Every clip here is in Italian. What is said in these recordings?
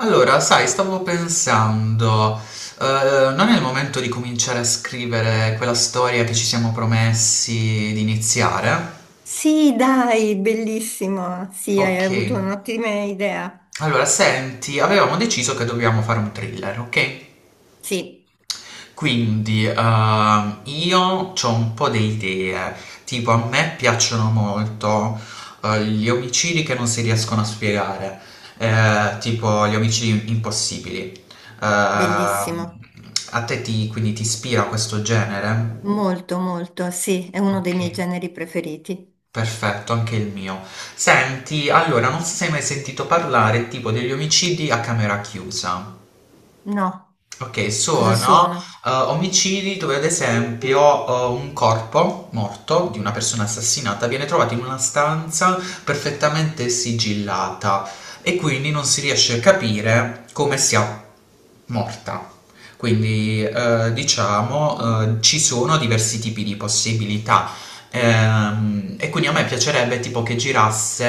Allora, sai, stavo pensando, non è il momento di cominciare a scrivere quella storia che ci siamo promessi di iniziare? Sì, dai, bellissimo. Sì, hai Ok, avuto un'ottima idea. allora senti, avevamo deciso che dobbiamo fare un thriller, ok? Sì, Quindi, io ho un po' di idee, tipo a me piacciono molto gli omicidi che non si riescono a spiegare, tipo gli omicidi impossibili. Ehm, bellissimo. Quindi ti ispira questo genere? Molto, molto. Sì, è uno dei Ok, miei generi preferiti. perfetto, anche il mio. Senti, allora, non so se hai mai sentito parlare tipo degli omicidi a camera chiusa. No, Ok, cosa sono sono? Omicidi dove ad esempio un corpo morto di una persona assassinata viene trovato in una stanza perfettamente sigillata e quindi non si riesce a capire come sia morta. Quindi, diciamo, ci sono diversi tipi di possibilità. E quindi a me piacerebbe tipo che girasse,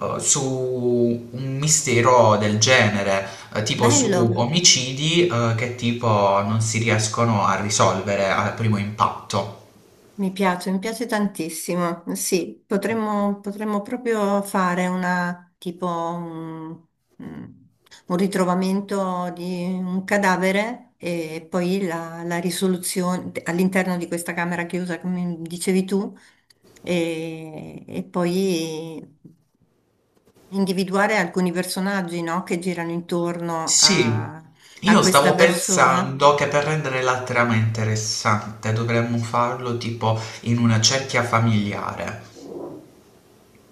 su un mistero del genere, tipo su Bello. omicidi, che tipo non si riescono a risolvere al primo impatto. Mi piace tantissimo. Sì, potremmo proprio fare una, tipo un, mm, un ritrovamento di un cadavere e poi la risoluzione all'interno di questa camera chiusa, come dicevi tu, e poi individuare alcuni personaggi, no, che girano intorno Sì, a, a io questa stavo persona. pensando che per rendere la trama interessante dovremmo farlo tipo in una cerchia familiare.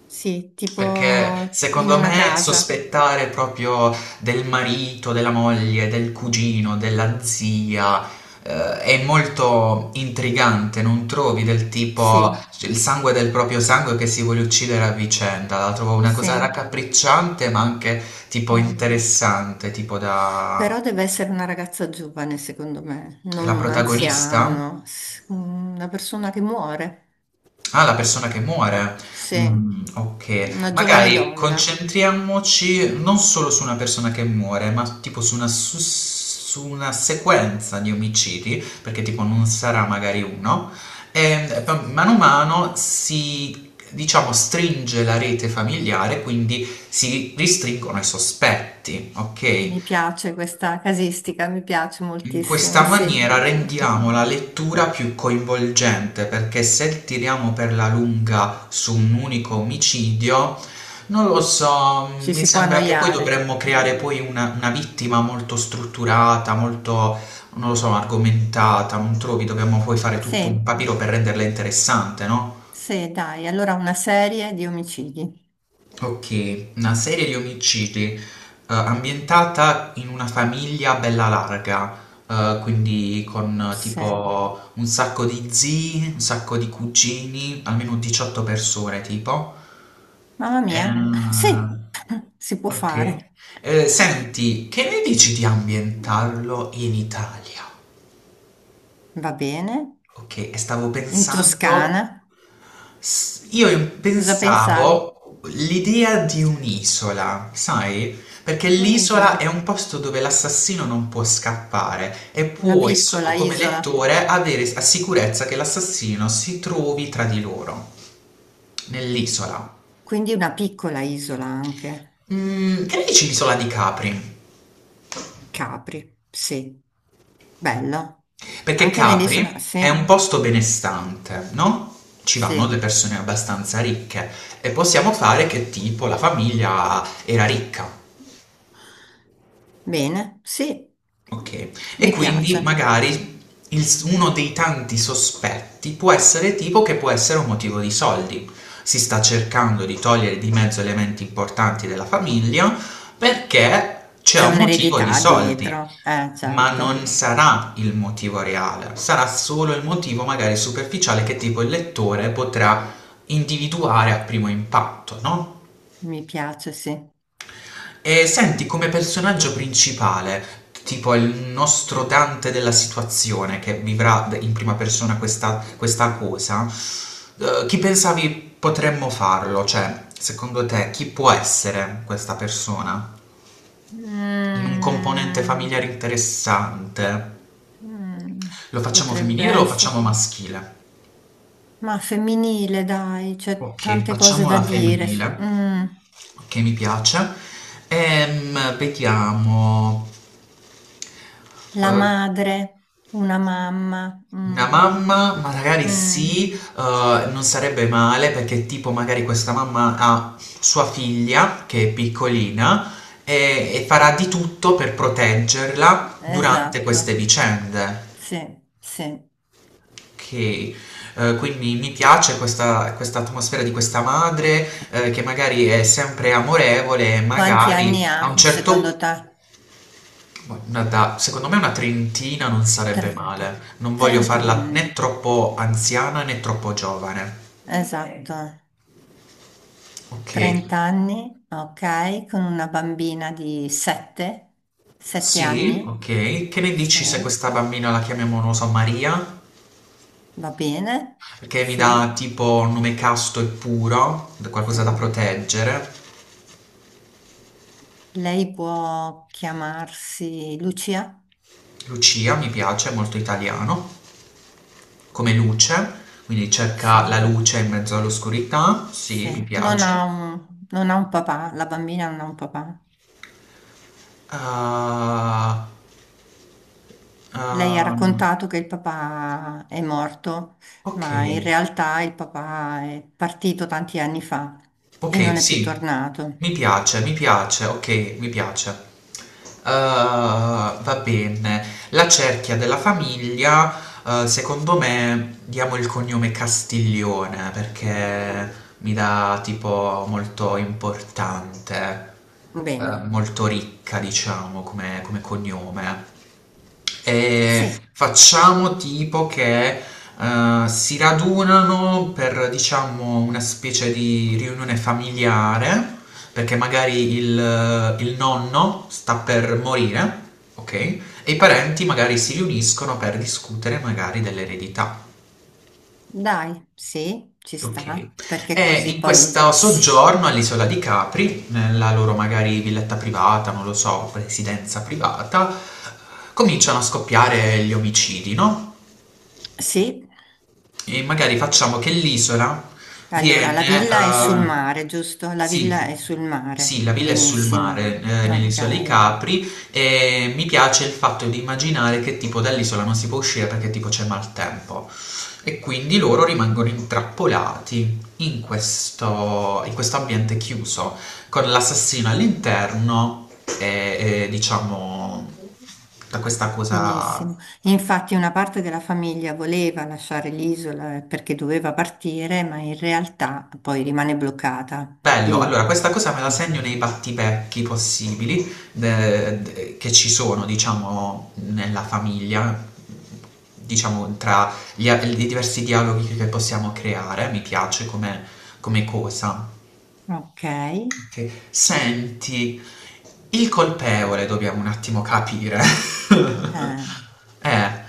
Sì, tipo Perché in secondo una me casa. sospettare proprio del marito, della moglie, del cugino, della zia, è molto intrigante, non trovi del tipo Sì. cioè, il sangue del proprio sangue che si vuole uccidere a vicenda, la trovo una cosa Sì, raccapricciante ma anche sì. tipo interessante, tipo da Però deve essere una ragazza giovane, secondo me, non la un protagonista. anziano, una persona che muore. Ah, la persona che muore. Sì, Mm, ok, una giovane magari donna. concentriamoci non solo su una persona che muore, ma tipo su una, su una sequenza di omicidi, perché tipo non sarà magari uno, e mano a mano si, diciamo, stringe la rete familiare, quindi si ristringono i sospetti, ok? Mi piace questa casistica, mi piace In moltissimo, questa sì. maniera rendiamo la lettura più coinvolgente perché se tiriamo per la lunga su un unico omicidio, non lo so, Ci mi si può sembra che poi annoiare. dovremmo Mm. creare poi una vittima molto strutturata, molto, non lo so, argomentata, non trovi? Dobbiamo poi fare tutto un Sì, papiro per renderla interessante, no? sì, dai, allora una serie di omicidi. Ok, una serie di omicidi ambientata in una famiglia bella larga, quindi con Sì. tipo un sacco di zii, un sacco di cugini, almeno 18 persone tipo. Mamma mia, sì, Ehm, si può ok. fare. Senti, che ne dici di ambientarlo in Italia? Va bene. Ok, e stavo In pensando, Toscana. Io Cosa pensavi? pensavo l'idea di un'isola, sai? Perché Su l'isola è un'isola, un posto dove l'assassino non può scappare e una puoi, piccola come isola, lettore, avere la sicurezza che l'assassino si trovi tra di loro, nell'isola. quindi una piccola isola anche. Mm, che ne dici l'isola di Capri? Capri, sì, bello. Perché Anche nell'isola, Capri sì, è un posto benestante, no? Ci vanno le sì. persone abbastanza ricche e possiamo fare che tipo la famiglia era ricca, Bene, sì, ok? E mi quindi piace. magari il uno dei tanti sospetti può essere tipo che può essere un motivo di soldi. Si sta cercando di togliere di mezzo elementi importanti della famiglia perché c'è C'è un motivo di un'eredità soldi. dietro, Ma certo, non sarà il motivo reale, sarà solo il motivo magari superficiale che tipo il lettore potrà individuare a primo impatto, no? mi piace, sì. E senti come personaggio principale, tipo il nostro Dante della situazione che vivrà in prima persona questa, questa cosa, chi pensavi potremmo farlo? Cioè, secondo te, chi può essere questa persona? In un componente Mm, familiare interessante? mm, Lo facciamo potrebbe femminile o lo facciamo essere. maschile? Ma femminile, dai, c'è Ok, tante cose facciamo da la dire. Femminile, che mi piace. Vediamo. La Eh, madre, una mamma. Una mamma, magari mm, sì, non sarebbe male perché tipo magari questa mamma ha sua figlia che è piccolina e farà di tutto per proteggerla durante queste esatto, vicende. sì, sì. Ok, quindi mi piace questa, questa atmosfera di questa madre che magari è sempre amorevole, e Quanti anni magari a un ha, secondo certo te? Secondo me una trentina non sarebbe 30. male. Non voglio 30 farla anni, né troppo anziana né troppo giovane. ok. Esatto. Ok. 30 anni, ok, con una bambina di 7, 7 Sì, anni. ok. Che ne Sì, dici se questa bambina la chiamiamo, non lo so, Maria? va bene, Perché mi dà sì, tipo un nome casto e puro, sì. qualcosa da proteggere. Lei può chiamarsi Lucia? Lucia mi piace, è molto italiano. Come luce, quindi Sì, cerca la luce in mezzo all'oscurità. sì. Sì, mi Non piace. ha un, non ha un papà, la bambina non ha un papà. Ah, Lei ha ehm, raccontato che il papà è morto, ok, ma in realtà il papà è partito tanti anni fa e non ok, è più sì, tornato. Mi piace, ok, mi piace. Ah, va bene. La cerchia della famiglia, secondo me, diamo il cognome Castiglione perché mi dà tipo molto importante. Eh, Bene, molto ricca, diciamo, come, come cognome. E sì, facciamo tipo che si radunano per, diciamo, una specie di riunione familiare, perché magari il nonno sta per morire, ok? E i parenti magari si riuniscono per discutere magari dell'eredità. dai, sì, ci Okay. sta, perché E così in poi questo sì. soggiorno all'isola di Capri, nella loro magari villetta privata, non lo so, residenza privata, cominciano a scoppiare gli omicidi, no, Sì. e magari facciamo che l'isola Allora, la viene, villa è ah, sul carino. mare, giusto? La Sì, villa è sul sì, mare. la villa è sul mare, Benissimo. Nell'isola dei Ok. Capri, e mi piace il fatto di immaginare che tipo dall'isola non si può uscire perché tipo c'è maltempo. E quindi loro rimangono intrappolati in questo ambiente chiuso, con l'assassino all'interno e, diciamo da questa cosa. Benissimo. E infatti una parte della famiglia voleva lasciare l'isola perché doveva partire, ma in realtà poi rimane bloccata Bello, lì. allora questa cosa me la Mm. segno nei battipecchi possibili che ci sono, diciamo, nella famiglia, diciamo, tra gli, i diversi dialoghi che possiamo creare, mi piace come, come cosa. Ok. Ok. Senti, il colpevole dobbiamo un attimo capire. Eh,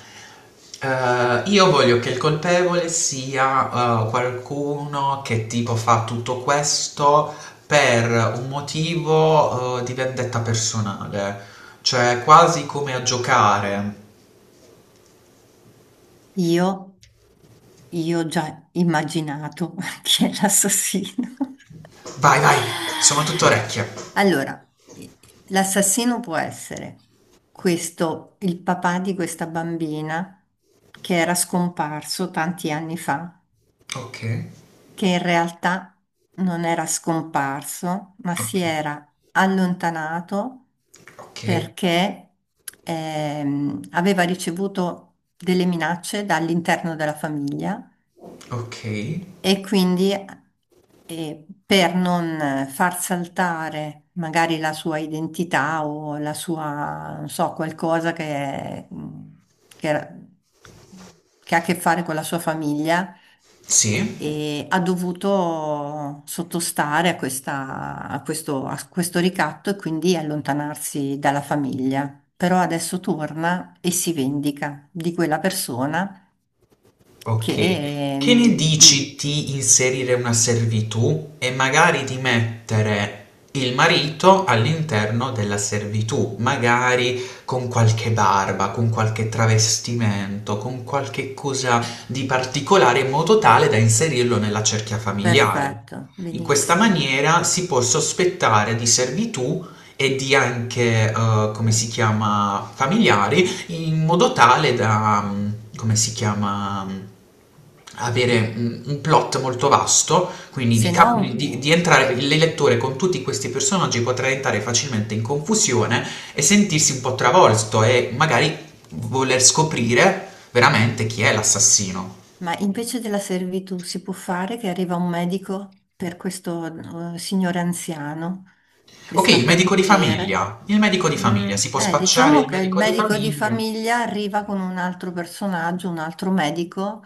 io voglio che il colpevole sia qualcuno che tipo fa tutto questo per un motivo di vendetta personale, cioè quasi come a giocare. io, io ho già immaginato chi è l'assassino. Vai, vai, sono tutto orecchie. Allora, l'assassino può essere questo, il papà di questa bambina che era scomparso tanti anni fa Ok, che in realtà non era scomparso, ma si ok, era allontanato ok, perché aveva ricevuto delle minacce dall'interno della famiglia ok. e quindi per non far saltare magari la sua identità o la sua, non so, qualcosa che, che- che ha a che fare con la sua famiglia, Sì. e ha dovuto sottostare a a questo ricatto e quindi allontanarsi dalla famiglia. Però adesso torna e si vendica di quella persona che... Ok, che ne ehm, mm, dici di inserire una servitù e magari di mettere il marito all'interno della servitù, magari con qualche barba, con qualche travestimento, con qualche cosa di particolare in modo tale da inserirlo nella cerchia familiare. Perfetto, In questa benissimo. maniera si può sospettare di servitù e di anche, come si chiama, familiari in modo tale da, come si chiama, avere un plot molto vasto, quindi di, Se no, di entrare il lettore con tutti questi personaggi potrà entrare facilmente in confusione e sentirsi un po' travolto e magari voler scoprire veramente chi è l'assassino. ma invece della servitù si può fare che arriva un medico per questo signore anziano che Ok, sta il per medico di morire. famiglia. Il medico di Mm, famiglia si può spacciare diciamo il che il medico di medico di famiglia. famiglia arriva con un altro personaggio, un altro medico,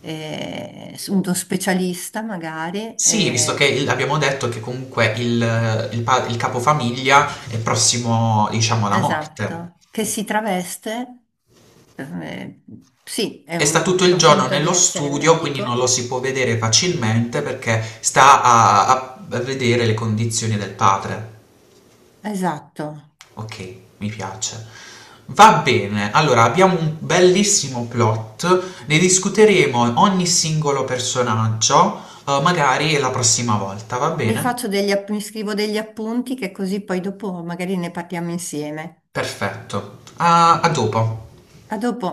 uno specialista magari, Sì, visto che abbiamo detto che comunque il, il capofamiglia è prossimo, diciamo, alla morte. esatto, che si traveste, eh, sì, E sta tutto il fa giorno finta di nello essere studio, quindi non lo medico. si può vedere facilmente perché sta a, a vedere le condizioni del padre. Esatto. Ok, mi piace. Va bene, allora abbiamo un bellissimo plot, ne discuteremo ogni singolo personaggio, magari la prossima volta, va Mi bene? faccio mi scrivo degli appunti che così poi dopo magari ne parliamo insieme. Perfetto. A a dopo. A dopo.